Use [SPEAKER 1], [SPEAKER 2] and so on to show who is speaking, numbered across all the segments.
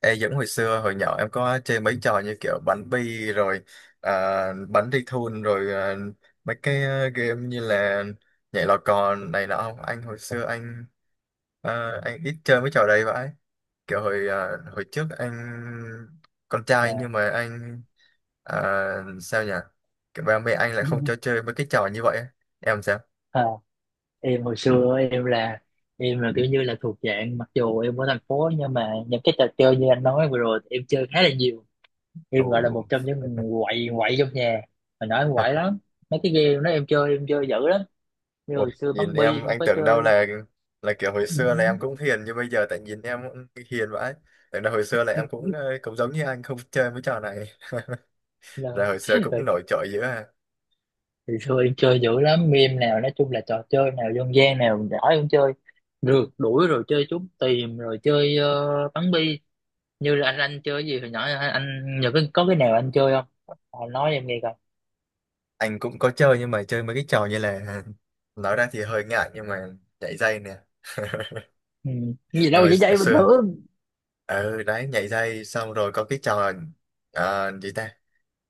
[SPEAKER 1] Ê, Dũng, hồi xưa hồi nhỏ em có chơi mấy trò như kiểu bắn bi rồi à, bắn đi thun rồi à, mấy cái game như là nhảy lò cò này nọ không? Anh hồi xưa anh ít chơi mấy trò đấy vậy. Kiểu hồi trước anh con trai nhưng
[SPEAKER 2] Dạ.
[SPEAKER 1] mà anh, ờ, sao nhỉ, kiểu ba mẹ anh lại không cho chơi mấy cái trò như vậy á. Em sao?
[SPEAKER 2] À, ờ, em hồi xưa em là kiểu như là thuộc dạng, mặc dù em ở thành phố nhưng mà những cái trò chơi như anh nói vừa rồi thì em chơi khá là nhiều. Em gọi là
[SPEAKER 1] Ồ.
[SPEAKER 2] một trong những người quậy quậy trong nhà, mà nói em quậy lắm. Mấy cái game đó em chơi dữ lắm. Như
[SPEAKER 1] Ủa,
[SPEAKER 2] hồi xưa
[SPEAKER 1] nhìn
[SPEAKER 2] bắn bi
[SPEAKER 1] em
[SPEAKER 2] em
[SPEAKER 1] anh
[SPEAKER 2] có
[SPEAKER 1] tưởng đâu
[SPEAKER 2] chơi.
[SPEAKER 1] là kiểu hồi xưa là em cũng hiền như bây giờ, tại nhìn em cũng hiền vãi, tưởng đâu hồi xưa là em cũng cũng giống như anh không chơi mấy trò này. Rồi
[SPEAKER 2] Là
[SPEAKER 1] hồi xưa cũng
[SPEAKER 2] hồi
[SPEAKER 1] nổi trội dữ à?
[SPEAKER 2] hồi xưa em chơi dữ lắm, game nào nói chung là trò chơi nào dân gian nào giỏi em chơi. Rượt đuổi rồi chơi trốn tìm rồi chơi bắn bi. Như là anh chơi gì hồi nhỏ anh nhớ cái, có cái nào anh chơi không? À, nói em nghe coi.
[SPEAKER 1] Anh cũng có chơi nhưng mà chơi mấy cái trò như là nói ra thì hơi ngại nhưng mà nhảy dây nè.
[SPEAKER 2] Ừ. Cái gì
[SPEAKER 1] Anh
[SPEAKER 2] đâu
[SPEAKER 1] hồi
[SPEAKER 2] chỉ vậy bình
[SPEAKER 1] xưa,
[SPEAKER 2] thường.
[SPEAKER 1] ừ đấy, nhảy dây xong rồi có cái trò, gì ta,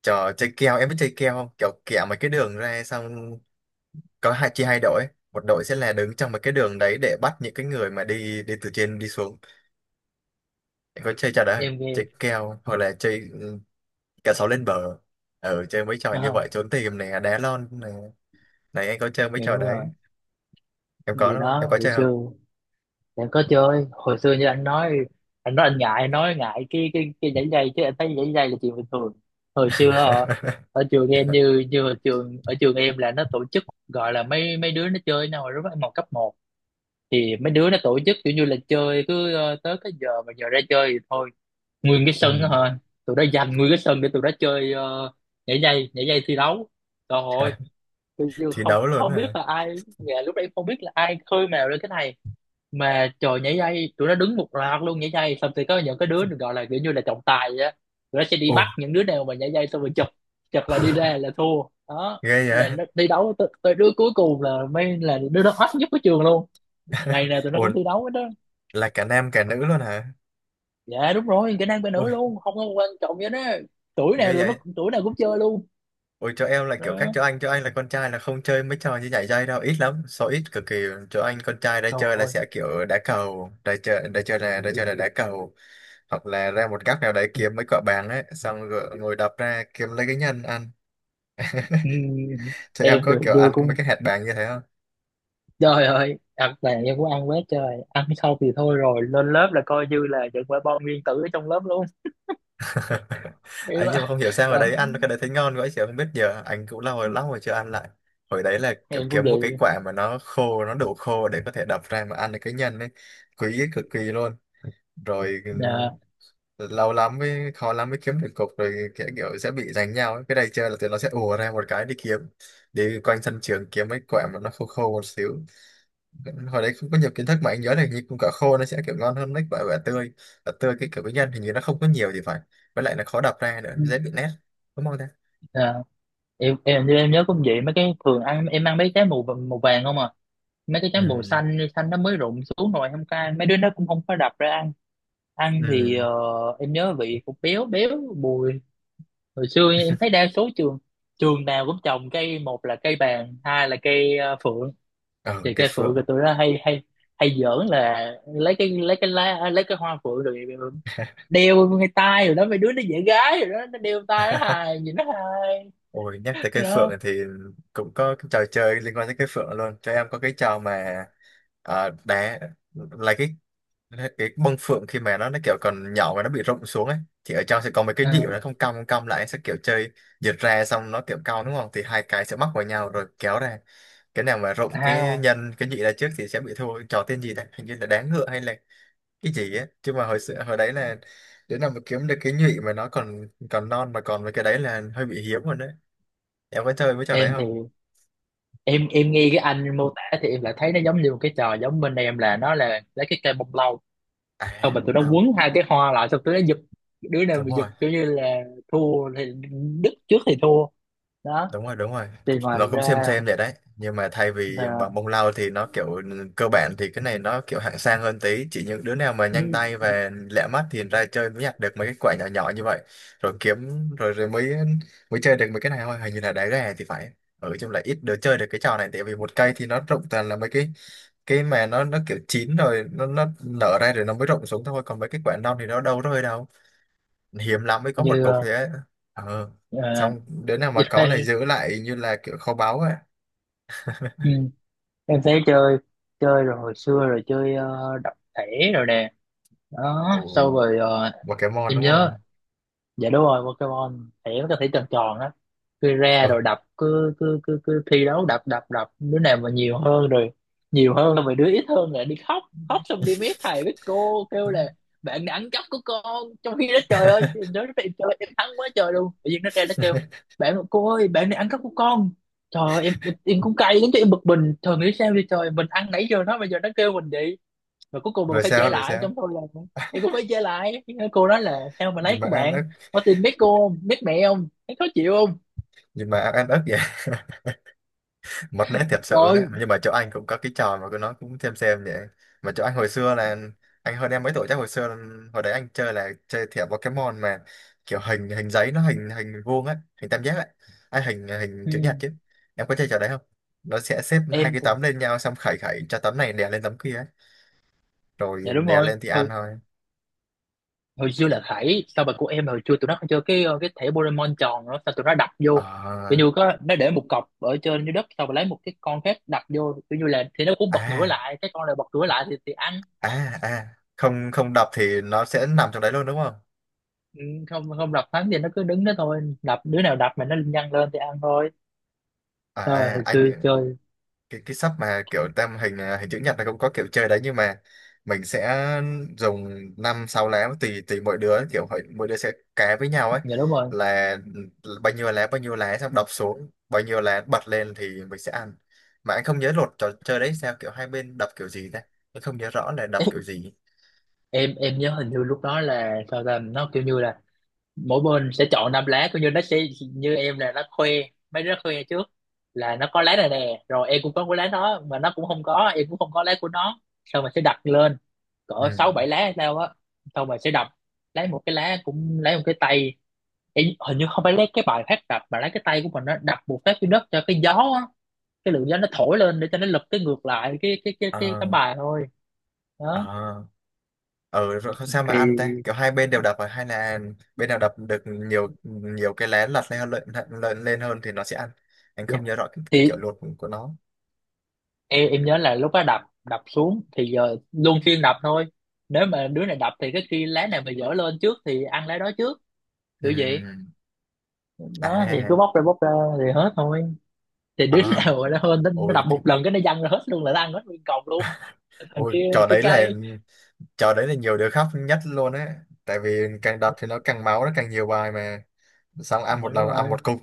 [SPEAKER 1] trò chơi keo. Em biết chơi keo không, kiểu kẹo mấy cái đường ra xong có hai, chia hai đội, một đội sẽ là đứng trong một cái đường đấy để bắt những cái người mà đi đi từ trên đi xuống. Em có chơi trò đấy,
[SPEAKER 2] Em nghe.
[SPEAKER 1] chơi kèo hoặc là chơi, cả sáu lên bờ. Chơi mấy trò như
[SPEAKER 2] À,
[SPEAKER 1] vậy, trốn tìm này, đá lon này này anh có chơi mấy
[SPEAKER 2] thì
[SPEAKER 1] trò
[SPEAKER 2] đúng rồi.
[SPEAKER 1] đấy. Em có
[SPEAKER 2] Thì
[SPEAKER 1] đúng không, em
[SPEAKER 2] đó
[SPEAKER 1] có
[SPEAKER 2] hồi
[SPEAKER 1] chơi không?
[SPEAKER 2] xưa em có chơi hồi xưa như anh nói. Anh nói anh ngại, anh nói ngại cái dãy dây chứ anh thấy dãy dây là chuyện bình thường. Hồi xưa ở, ở trường em,
[SPEAKER 1] Dạ.
[SPEAKER 2] như như ở trường em là nó tổ chức, gọi là mấy mấy đứa nó chơi với nhau rồi đó, mà cấp một thì mấy đứa nó tổ chức kiểu như là chơi cứ tới cái giờ mà giờ ra chơi thì thôi, nguyên cái sân đó
[SPEAKER 1] Ừ.
[SPEAKER 2] thôi. Tụi nó dành nguyên cái sân để tụi nó chơi, nhảy dây, nhảy dây thi đấu. Trời ơi, tôi chưa
[SPEAKER 1] Thi
[SPEAKER 2] không
[SPEAKER 1] đấu luôn
[SPEAKER 2] không biết
[SPEAKER 1] hả?
[SPEAKER 2] là ai, dạ, lúc đấy không biết là ai khơi mào lên cái này, mà trời, nhảy dây tụi nó đứng một loạt luôn. Nhảy dây xong thì có những cái đứa được gọi là kiểu như là trọng tài vậy á. Tụi nó sẽ đi
[SPEAKER 1] Ồ.
[SPEAKER 2] bắt những đứa nào mà nhảy dây xong rồi chụp, chụp là đi ra là thua. Đó,
[SPEAKER 1] Ghê
[SPEAKER 2] là
[SPEAKER 1] vậy.
[SPEAKER 2] nó thi đấu tới đứa cuối cùng là mới là đứa đó hot nhất của trường luôn. Ngày nào tụi nó
[SPEAKER 1] Ồ.
[SPEAKER 2] cũng thi đấu hết đó.
[SPEAKER 1] Là cả nam cả nữ luôn hả?
[SPEAKER 2] Dạ đúng rồi, kỹ năng bên nữ
[SPEAKER 1] Ui.
[SPEAKER 2] luôn không có quan trọng vậy đó. Tuổi nào
[SPEAKER 1] Ghê
[SPEAKER 2] được nó
[SPEAKER 1] vậy.
[SPEAKER 2] tuổi nào cũng chơi luôn.
[SPEAKER 1] Ôi chỗ em lại kiểu khác
[SPEAKER 2] Đó,
[SPEAKER 1] chỗ anh là con trai là không chơi mấy trò như nhảy dây đâu, ít lắm, số ít cực kỳ. Chỗ anh con trai đã
[SPEAKER 2] trời
[SPEAKER 1] chơi là
[SPEAKER 2] ơi.
[SPEAKER 1] sẽ kiểu đá cầu, đã chơi là đá cầu, hoặc là ra một góc nào đấy kiếm mấy quả bàng ấy, xong rồi ngồi đập ra kiếm lấy cái nhân ăn.
[SPEAKER 2] Ừ,
[SPEAKER 1] Chỗ em
[SPEAKER 2] em
[SPEAKER 1] có
[SPEAKER 2] từ
[SPEAKER 1] kiểu
[SPEAKER 2] xưa
[SPEAKER 1] ăn
[SPEAKER 2] cũng,
[SPEAKER 1] mấy cái hạt bàng như thế không?
[SPEAKER 2] trời ơi thật là em cũng ăn quá trời. Ăn xong thì thôi rồi, lên lớp là coi như là những quả bom nguyên tử ở trong lớp luôn em
[SPEAKER 1] Ấy nhưng mà
[SPEAKER 2] ạ.
[SPEAKER 1] không hiểu sao ở
[SPEAKER 2] Đó,
[SPEAKER 1] đấy ăn cái đấy thấy ngon quá, chị không biết, giờ anh cũng lâu rồi lắm rồi chưa ăn lại. Hồi đấy là kiểu
[SPEAKER 2] em cũng
[SPEAKER 1] kiếm
[SPEAKER 2] vậy.
[SPEAKER 1] một cái quả mà nó khô, nó đủ khô để có thể đập ra mà ăn được cái nhân ấy, quý cực kỳ luôn. Rồi
[SPEAKER 2] Dạ.
[SPEAKER 1] lâu lắm mới, khó lắm mới kiếm được cục rồi, kiểu sẽ bị giành nhau ấy. Cái này chơi là tụi nó sẽ ùa ra một cái đi kiếm, đi quanh sân trường kiếm mấy quả mà nó khô khô một xíu. Hồi đấy không có nhiều kiến thức, mà anh nhớ là hình như cũng quả khô nó sẽ kiểu ngon hơn mấy quả quả tươi cái kiểu cái nhân hình như nó không có nhiều thì phải, với lại là khó đập ra nữa, dễ bị nét, đúng không ta?
[SPEAKER 2] Dạ. Em như em nhớ cũng vậy, mấy cái thường ăn em ăn mấy trái màu màu vàng không à. Mấy cái trái màu
[SPEAKER 1] Ừ.
[SPEAKER 2] xanh xanh nó mới rụng xuống rồi không có mấy đứa nó cũng không có đập ra ăn. Ăn thì
[SPEAKER 1] Ừ.
[SPEAKER 2] em nhớ vị cũng béo béo bùi. Hồi xưa em thấy đa số trường, trường nào cũng trồng cây, một là cây bàng hai là cây phượng.
[SPEAKER 1] Ờ,
[SPEAKER 2] Thì
[SPEAKER 1] cây
[SPEAKER 2] cây phượng
[SPEAKER 1] phượng.
[SPEAKER 2] rồi tụi nó hay hay hay giỡn là lấy cái lá, lấy cái hoa phượng rồi đeo ngay tay rồi đó. Mấy đứa nó dễ gái rồi đó, nó đeo tay nó hài, nhìn nó hài.
[SPEAKER 1] Ôi nhắc tới cây phượng
[SPEAKER 2] Đó.
[SPEAKER 1] thì cũng có cái trò chơi liên quan tới cây phượng luôn, cho em, có cái trò mà đá, là cái, đấy, cái bông phượng khi mà nó kiểu còn nhỏ và nó bị rụng xuống ấy, thì ở trong sẽ có mấy cái nhịp
[SPEAKER 2] à,
[SPEAKER 1] nó không cong, không cong lại sẽ kiểu chơi giật ra, xong nó kiểu cong đúng không, thì hai cái sẽ mắc vào nhau rồi kéo ra, cái nào mà rụng cái
[SPEAKER 2] à,
[SPEAKER 1] nhân cái nhị ra trước thì sẽ bị thua. Trò tên gì đấy, hình như là đáng ngựa hay là cái gì ấy chứ, mà hồi xưa hồi đấy là đến nào mà kiếm được cái nhị mà nó còn còn non mà còn, với cái đấy là hơi bị hiếm rồi đấy. Em có chơi với trò đấy
[SPEAKER 2] em thì
[SPEAKER 1] không?
[SPEAKER 2] em nghe cái anh mô tả thì em lại thấy nó giống như một cái trò giống bên em là nó là lấy cái cây bông lau.
[SPEAKER 1] À
[SPEAKER 2] Thôi mà
[SPEAKER 1] không
[SPEAKER 2] tụi nó
[SPEAKER 1] đâu.
[SPEAKER 2] quấn hai cái hoa lại xong tụi nó giật, đứa nào
[SPEAKER 1] Đúng
[SPEAKER 2] mà giật
[SPEAKER 1] rồi,
[SPEAKER 2] kiểu như là thua thì, đứt trước thì thua. Đó,
[SPEAKER 1] đúng rồi, đúng rồi.
[SPEAKER 2] thì ngoài
[SPEAKER 1] Nó cũng
[SPEAKER 2] ra
[SPEAKER 1] xem vậy đấy nhưng mà thay vì bằng
[SPEAKER 2] là
[SPEAKER 1] bông lau thì nó kiểu, cơ bản thì cái này nó kiểu hạng sang hơn tí, chỉ những đứa nào mà nhanh tay và lẹ mắt thì ra chơi mới nhặt được mấy cái quả nhỏ nhỏ như vậy, rồi kiếm rồi rồi mới mới chơi được mấy cái này thôi, hình như là đá gà thì phải. Ở trong là ít đứa chơi được cái trò này, tại vì một cây thì nó rụng toàn là mấy cái mà nó kiểu chín rồi, nó nở ra rồi nó mới rụng xuống thôi, còn mấy cái quả non thì nó đâu rơi đâu, hiếm lắm mới có một
[SPEAKER 2] như
[SPEAKER 1] cục thế. Ờ, xong đứa nào mà có này
[SPEAKER 2] em.
[SPEAKER 1] giữ lại như là kiểu kho báu ấy.
[SPEAKER 2] ừ, em thấy chơi, chơi rồi hồi xưa rồi chơi đập thẻ rồi nè. Đó sau
[SPEAKER 1] Ôi
[SPEAKER 2] rồi
[SPEAKER 1] Pokemon
[SPEAKER 2] em
[SPEAKER 1] đúng
[SPEAKER 2] nhớ,
[SPEAKER 1] không?
[SPEAKER 2] dạ đúng rồi Pokemon, thẻ nó có thể tròn tròn đó. Cứ ra
[SPEAKER 1] Ôi.
[SPEAKER 2] rồi đập cứ cứ cứ cứ thi đấu đập đập đập, đứa nào mà nhiều hơn rồi, nhiều hơn rồi đứa ít hơn lại đi khóc. Khóc xong đi mét thầy với cô, kêu là bạn đã ăn cắp của con, trong khi đó trời ơi em nói em chơi em thắng quá trời luôn, tự nhiên nó ra nó kêu: bạn cô ơi bạn này ăn cắp của con. Trời ơi, em cũng cay lắm chứ, em bực mình, trời nghĩ sao vậy trời, mình ăn nãy giờ nó, bây giờ nó kêu mình vậy. Và cuối cùng mình
[SPEAKER 1] Rồi
[SPEAKER 2] phải trả
[SPEAKER 1] sao, rồi
[SPEAKER 2] lại
[SPEAKER 1] sao?
[SPEAKER 2] trong thôi là, thì cô phải trả lại. Cái cô nói là sao mà
[SPEAKER 1] Gì
[SPEAKER 2] lấy
[SPEAKER 1] mà
[SPEAKER 2] của
[SPEAKER 1] ăn
[SPEAKER 2] bạn,
[SPEAKER 1] ức,
[SPEAKER 2] có tin biết cô, không biết mẹ, không thấy khó chịu không.
[SPEAKER 1] gì mà ăn ức vậy. Mật nét thiệt sự đấy,
[SPEAKER 2] Rồi.
[SPEAKER 1] nhưng mà chỗ anh cũng có cái trò mà cứ, nó cũng xem vậy. Mà chỗ anh hồi xưa là anh hơn em mấy tuổi chắc, hồi xưa hồi đấy anh chơi là chơi thẻ Pokemon mà, kiểu hình hình giấy, nó hình hình vuông á, hình tam giác ấy. À, hình hình chữ nhật
[SPEAKER 2] Ừ.
[SPEAKER 1] chứ. Em có chơi trò đấy không? Nó sẽ xếp hai
[SPEAKER 2] em
[SPEAKER 1] cái
[SPEAKER 2] thì-
[SPEAKER 1] tấm lên nhau xong khẩy khẩy cho tấm này đè lên tấm kia ấy, rồi
[SPEAKER 2] dạ đúng
[SPEAKER 1] đè
[SPEAKER 2] rồi,
[SPEAKER 1] lên thì ăn
[SPEAKER 2] hồi,
[SPEAKER 1] thôi.
[SPEAKER 2] hồi xưa là khải sao mà của em hồi xưa, tụi nó còn chơi cái thẻ Pokemon tròn nữa. Sao tụi nó đập vô tự
[SPEAKER 1] Ờ.
[SPEAKER 2] như có, nó để một cọc ở trên dưới đất, sau rồi lấy một cái con khác đập vô, tự như là thì nó cũng bật ngửa
[SPEAKER 1] À
[SPEAKER 2] lại, cái con này bật ngửa lại thì ăn.
[SPEAKER 1] à à, không không đập thì nó sẽ nằm trong đấy luôn đúng không?
[SPEAKER 2] Ừ, không không đập thắng thì nó cứ đứng đó thôi, đập đứa nào đập mà nó nhăn lên thì ăn thôi. Rồi
[SPEAKER 1] À
[SPEAKER 2] hồi
[SPEAKER 1] anh,
[SPEAKER 2] xưa chơi.
[SPEAKER 1] cái sắp mà kiểu hình chữ nhật là cũng có kiểu chơi đấy nhưng mà mình sẽ dùng năm sáu lá, tùy tùy mỗi đứa, kiểu mỗi đứa sẽ cá với nhau ấy
[SPEAKER 2] Dạ đúng rồi,
[SPEAKER 1] là, bao nhiêu lá, bao nhiêu lá, xong đọc xuống bao nhiêu lá bật lên thì mình sẽ ăn. Mà anh không nhớ luật trò chơi đấy sao, kiểu hai bên đập kiểu gì ta? Anh không nhớ rõ là đập kiểu gì.
[SPEAKER 2] em nhớ hình như lúc đó là sao ta, nó kiểu như là mỗi bên sẽ chọn năm lá, kiểu như nó sẽ, như em là nó khoe, mấy đứa khoe trước là nó có lá này nè, rồi em cũng có cái lá đó mà nó cũng không có, em cũng không có lá của nó. Xong mà sẽ đặt lên cỡ
[SPEAKER 1] Ừ.
[SPEAKER 2] sáu bảy lá hay sao á. Xong mà sẽ đập lấy một cái lá, cũng lấy một cái tay. Em hình như không phải lấy cái bài phát đập mà lấy cái tay của mình nó đập một phát trên đất cho cái gió á, cái lượng gió nó thổi lên để cho nó lật cái ngược lại cái tấm
[SPEAKER 1] Ờ.
[SPEAKER 2] bài thôi.
[SPEAKER 1] Ờ.
[SPEAKER 2] Đó.
[SPEAKER 1] Ừ rồi sao mà ăn ta,
[SPEAKER 2] Thì.
[SPEAKER 1] kiểu hai bên đều đập à? Hay là bên nào đập được nhiều, nhiều cái lá lật lên hơn thì nó sẽ ăn. Anh
[SPEAKER 2] Dạ.
[SPEAKER 1] không nhớ rõ cái kiểu
[SPEAKER 2] Thì
[SPEAKER 1] luật của nó.
[SPEAKER 2] em nhớ là lúc đó đập, đập xuống thì giờ luân phiên đập thôi. Nếu mà đứa này đập thì cái kia lá này mà dở lên trước thì ăn lá đó trước, kiểu vậy.
[SPEAKER 1] Ừm.
[SPEAKER 2] Nó thì
[SPEAKER 1] À.
[SPEAKER 2] cứ bóc ra thì hết thôi. Thì đứa
[SPEAKER 1] Ờ.
[SPEAKER 2] nào mà nó hơn, nó
[SPEAKER 1] Ôi.
[SPEAKER 2] đập một lần cái nó văng ra hết luôn, là nó ăn hết nguyên cọng luôn. Thằng
[SPEAKER 1] Ôi,
[SPEAKER 2] kia là
[SPEAKER 1] trò
[SPEAKER 2] cái
[SPEAKER 1] đấy là
[SPEAKER 2] cây.
[SPEAKER 1] trò đấy là nhiều đứa khóc nhất luôn á, tại vì càng đập thì nó càng máu, nó càng nhiều bài mà, xong ăn
[SPEAKER 2] Dạ,
[SPEAKER 1] một
[SPEAKER 2] đúng
[SPEAKER 1] lần ăn
[SPEAKER 2] rồi.
[SPEAKER 1] một cục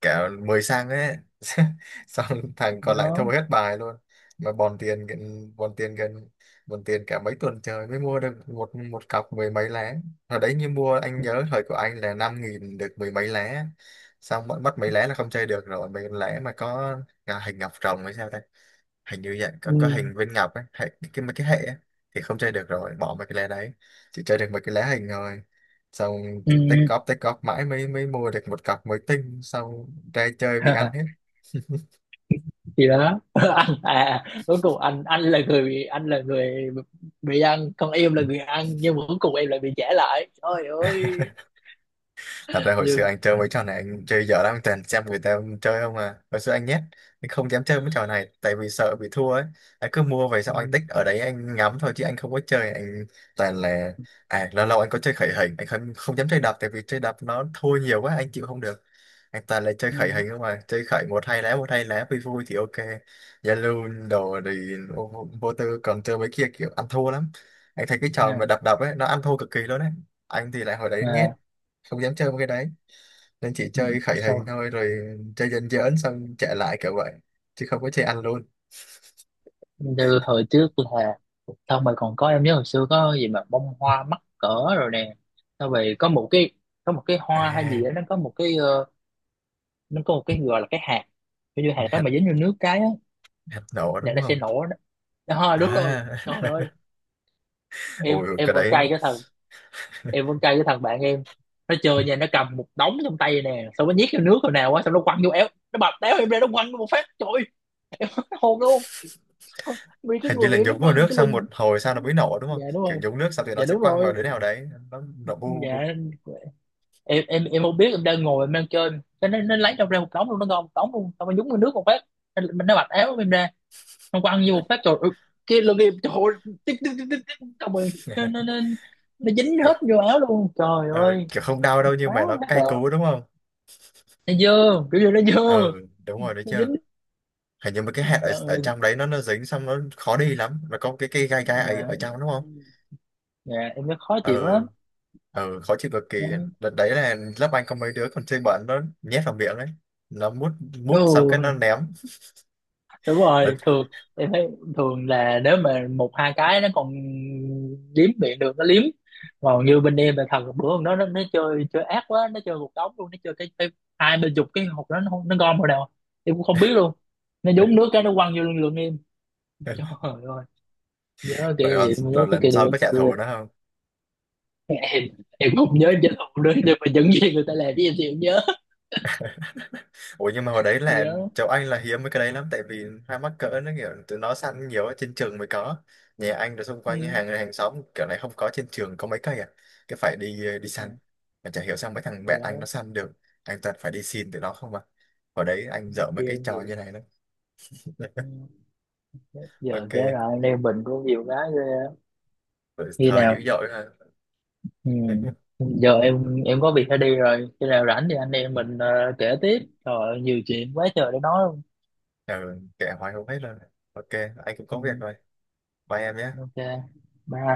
[SPEAKER 1] cả 10 sang ấy. Xong thằng còn lại thua
[SPEAKER 2] Đó.
[SPEAKER 1] hết bài luôn, mà bòn tiền cả mấy tuần trời mới mua được một một cọc mười mấy lá. Hồi đấy như mua, anh nhớ thời của anh là 5.000 được mười mấy lá, xong mất mất mấy lá là không chơi được rồi, mấy lá mà có à, hình ngọc rồng hay sao ta, hình như vậy có
[SPEAKER 2] Ừ.
[SPEAKER 1] hình viên Ngọc ấy hệ, cái mấy cái hệ ấy, thì không chơi được rồi, bỏ mấy cái lá đấy, chỉ chơi được mấy cái lá hình rồi. Xong
[SPEAKER 2] Ừ.
[SPEAKER 1] tích góp mãi mới mới mua được một cặp mới tinh xong ra chơi bị ăn hết.
[SPEAKER 2] Thì đó, anh, cuối cùng anh là người bị, anh là người bị ăn còn em là người ăn, nhưng mà cuối cùng em lại bị trả lại, trời ơi.
[SPEAKER 1] Thật ra hồi xưa
[SPEAKER 2] Nhưng.
[SPEAKER 1] anh chơi mấy trò này anh chơi dở lắm, toàn xem người ta chơi không à, hồi xưa anh nhét, anh không dám chơi mấy trò này tại vì sợ bị thua ấy. Anh cứ mua về
[SPEAKER 2] Ừ.
[SPEAKER 1] xong anh tích ở đấy anh ngắm thôi chứ anh không có chơi, anh toàn là, lâu lâu anh có chơi khởi hình, anh không không dám chơi đập, tại vì chơi đập nó thua nhiều quá anh chịu không được. Anh toàn là chơi
[SPEAKER 2] Ừ,
[SPEAKER 1] khởi hình không à, chơi khởi một hai lá, một hai lá vui vui thì ok. Zalo đồ thì vô, vô vô tư, còn chơi mấy kia kiểu ăn thua lắm. Anh thấy cái trò
[SPEAKER 2] nha
[SPEAKER 1] mà đập đập ấy nó ăn thua cực kỳ luôn đấy. Anh thì lại hồi đấy nhét,
[SPEAKER 2] mà
[SPEAKER 1] không dám chơi mấy cái đấy, nên chỉ
[SPEAKER 2] ừ,
[SPEAKER 1] chơi khởi hình
[SPEAKER 2] sau
[SPEAKER 1] thôi, rồi chơi dần dần xong chạy lại kiểu vậy, chứ không có chơi ăn luôn.
[SPEAKER 2] như hồi trước là, xong rồi còn có em nhớ hồi xưa có gì mà bông hoa mắc cỡ rồi nè. Xong rồi có một cái hoa hay gì
[SPEAKER 1] À
[SPEAKER 2] đó, nó có một cái gọi là cái hạt. Kiểu như hạt đó
[SPEAKER 1] hạt,
[SPEAKER 2] mà dính vô nước cái á
[SPEAKER 1] hạt nổ
[SPEAKER 2] là
[SPEAKER 1] đúng
[SPEAKER 2] nó sẽ
[SPEAKER 1] không?
[SPEAKER 2] nổ đó. Đó, đúng rồi trời
[SPEAKER 1] À.
[SPEAKER 2] ơi. em
[SPEAKER 1] Ôi ôi,
[SPEAKER 2] em
[SPEAKER 1] cái
[SPEAKER 2] vẫn
[SPEAKER 1] đấy
[SPEAKER 2] cay cái thằng, em vẫn cay cái thằng bạn em. Nó chơi nha, nó cầm một đống trong tay nè, xong nó nhét vô nước rồi nào quá, xong nó quăng vô éo nó bập đéo em ra, nó quăng vô một phát trời ơi, hồn luôn. Vì cái
[SPEAKER 1] hình như
[SPEAKER 2] người
[SPEAKER 1] là
[SPEAKER 2] em lúc
[SPEAKER 1] nhúng
[SPEAKER 2] đó
[SPEAKER 1] vào
[SPEAKER 2] vì
[SPEAKER 1] nước
[SPEAKER 2] cái
[SPEAKER 1] xong
[SPEAKER 2] lưng.
[SPEAKER 1] một hồi sau nó mới nổ đúng không,
[SPEAKER 2] Dạ đúng
[SPEAKER 1] kiểu
[SPEAKER 2] rồi.
[SPEAKER 1] nhúng nước xong thì nó
[SPEAKER 2] Dạ
[SPEAKER 1] sẽ
[SPEAKER 2] đúng
[SPEAKER 1] quăng vào
[SPEAKER 2] rồi.
[SPEAKER 1] đứa nào đấy nó nổ bu bu bu.
[SPEAKER 2] Dạ, em không biết, em đang ngồi em đang chơi cái nó lấy trong ra một đống luôn, nó ngon đống luôn xong rồi nhúng vào nước một phát. Mình nó bạch áo của em ra, nó quăng ăn vô một phát rồi cái lưng em trời ơi, tích tích tích tích tích, xong rồi nó nó nó nó dính
[SPEAKER 1] Kiểu,
[SPEAKER 2] hết vô áo luôn, trời
[SPEAKER 1] ờ,
[SPEAKER 2] ơi.
[SPEAKER 1] kiểu không đau đâu nhưng
[SPEAKER 2] Quá
[SPEAKER 1] mà nó
[SPEAKER 2] mắc cỡ,
[SPEAKER 1] cay cú đúng không.
[SPEAKER 2] nó dơ kiểu như nó dơ,
[SPEAKER 1] Ờ. Đúng rồi đấy
[SPEAKER 2] nó
[SPEAKER 1] chưa,
[SPEAKER 2] dính,
[SPEAKER 1] hình như mấy cái hạt ở,
[SPEAKER 2] trời
[SPEAKER 1] ở
[SPEAKER 2] ơi.
[SPEAKER 1] trong đấy nó dính xong nó khó đi lắm, mà có cái cây gai gai ấy ở
[SPEAKER 2] Dạ.
[SPEAKER 1] trong đúng không.
[SPEAKER 2] Dạ em, nó khó chịu
[SPEAKER 1] Ừ.
[SPEAKER 2] lắm.
[SPEAKER 1] Ừ, khó chịu cực kỳ. Đợt đấy là lớp anh có mấy đứa còn chơi bẩn, nó nhét vào miệng ấy, nó mút, mút xong cái nó
[SPEAKER 2] Ừ
[SPEAKER 1] ném.
[SPEAKER 2] đúng
[SPEAKER 1] Rồi,
[SPEAKER 2] rồi, thường em thấy thường là nếu mà một hai cái nó còn liếm miệng được nó liếm. Còn như bên em là thật là bữa hôm đó nó chơi chơi ác quá, nó chơi một đống luôn, nó chơi cái hai bên chục cái hộp đó, nó không- nó gom vào đâu em cũng không biết luôn, nó nhúng nước cái nó quăng vô lưng lưng em. Trời ơi,
[SPEAKER 1] rồi, rồi,
[SPEAKER 2] nhớ
[SPEAKER 1] rồi
[SPEAKER 2] cái
[SPEAKER 1] lần
[SPEAKER 2] kỷ
[SPEAKER 1] sau
[SPEAKER 2] niệm
[SPEAKER 1] có trả
[SPEAKER 2] xưa.
[SPEAKER 1] thù nó không?
[SPEAKER 2] em em không nhớ trên hộp nữa, nhưng mà những gì người ta làm với em thì em nhớ.
[SPEAKER 1] Ủa nhưng mà hồi đấy
[SPEAKER 2] Gì
[SPEAKER 1] là
[SPEAKER 2] đó.
[SPEAKER 1] cháu anh là hiếm mấy cái đấy lắm, tại vì hai mắc cỡ nó kiểu tụi nó săn nhiều, ở trên trường mới có, nhà anh rồi xung quanh cái
[SPEAKER 2] Ừ.
[SPEAKER 1] hàng hàng xóm kiểu này không có, trên trường có mấy cây à, cái phải đi đi săn,
[SPEAKER 2] Nè,
[SPEAKER 1] mà chả hiểu sao mấy thằng
[SPEAKER 2] gì
[SPEAKER 1] bạn anh nó
[SPEAKER 2] đó,
[SPEAKER 1] săn được, anh toàn phải đi xin tụi nó không mà, hồi đấy anh dở mấy
[SPEAKER 2] kia
[SPEAKER 1] cái
[SPEAKER 2] em
[SPEAKER 1] trò
[SPEAKER 2] gì.
[SPEAKER 1] như này lắm.
[SPEAKER 2] Ừ. Giờ
[SPEAKER 1] Ok.
[SPEAKER 2] cái rồi anh em mình cũng nhiều cái ghê.
[SPEAKER 1] Ừ,
[SPEAKER 2] Khi
[SPEAKER 1] Thơ
[SPEAKER 2] nào.
[SPEAKER 1] dữ dội ha.
[SPEAKER 2] Ừ. Giờ em có việc phải đi rồi, khi nào rảnh thì anh em mình kể tiếp. Trời ơi, nhiều chuyện quá trời để nói luôn.
[SPEAKER 1] Ừ, kệ hoài không hết rồi. Ok, anh cũng
[SPEAKER 2] Ừ.
[SPEAKER 1] có việc rồi. Bye em nhé.
[SPEAKER 2] Ok, bye.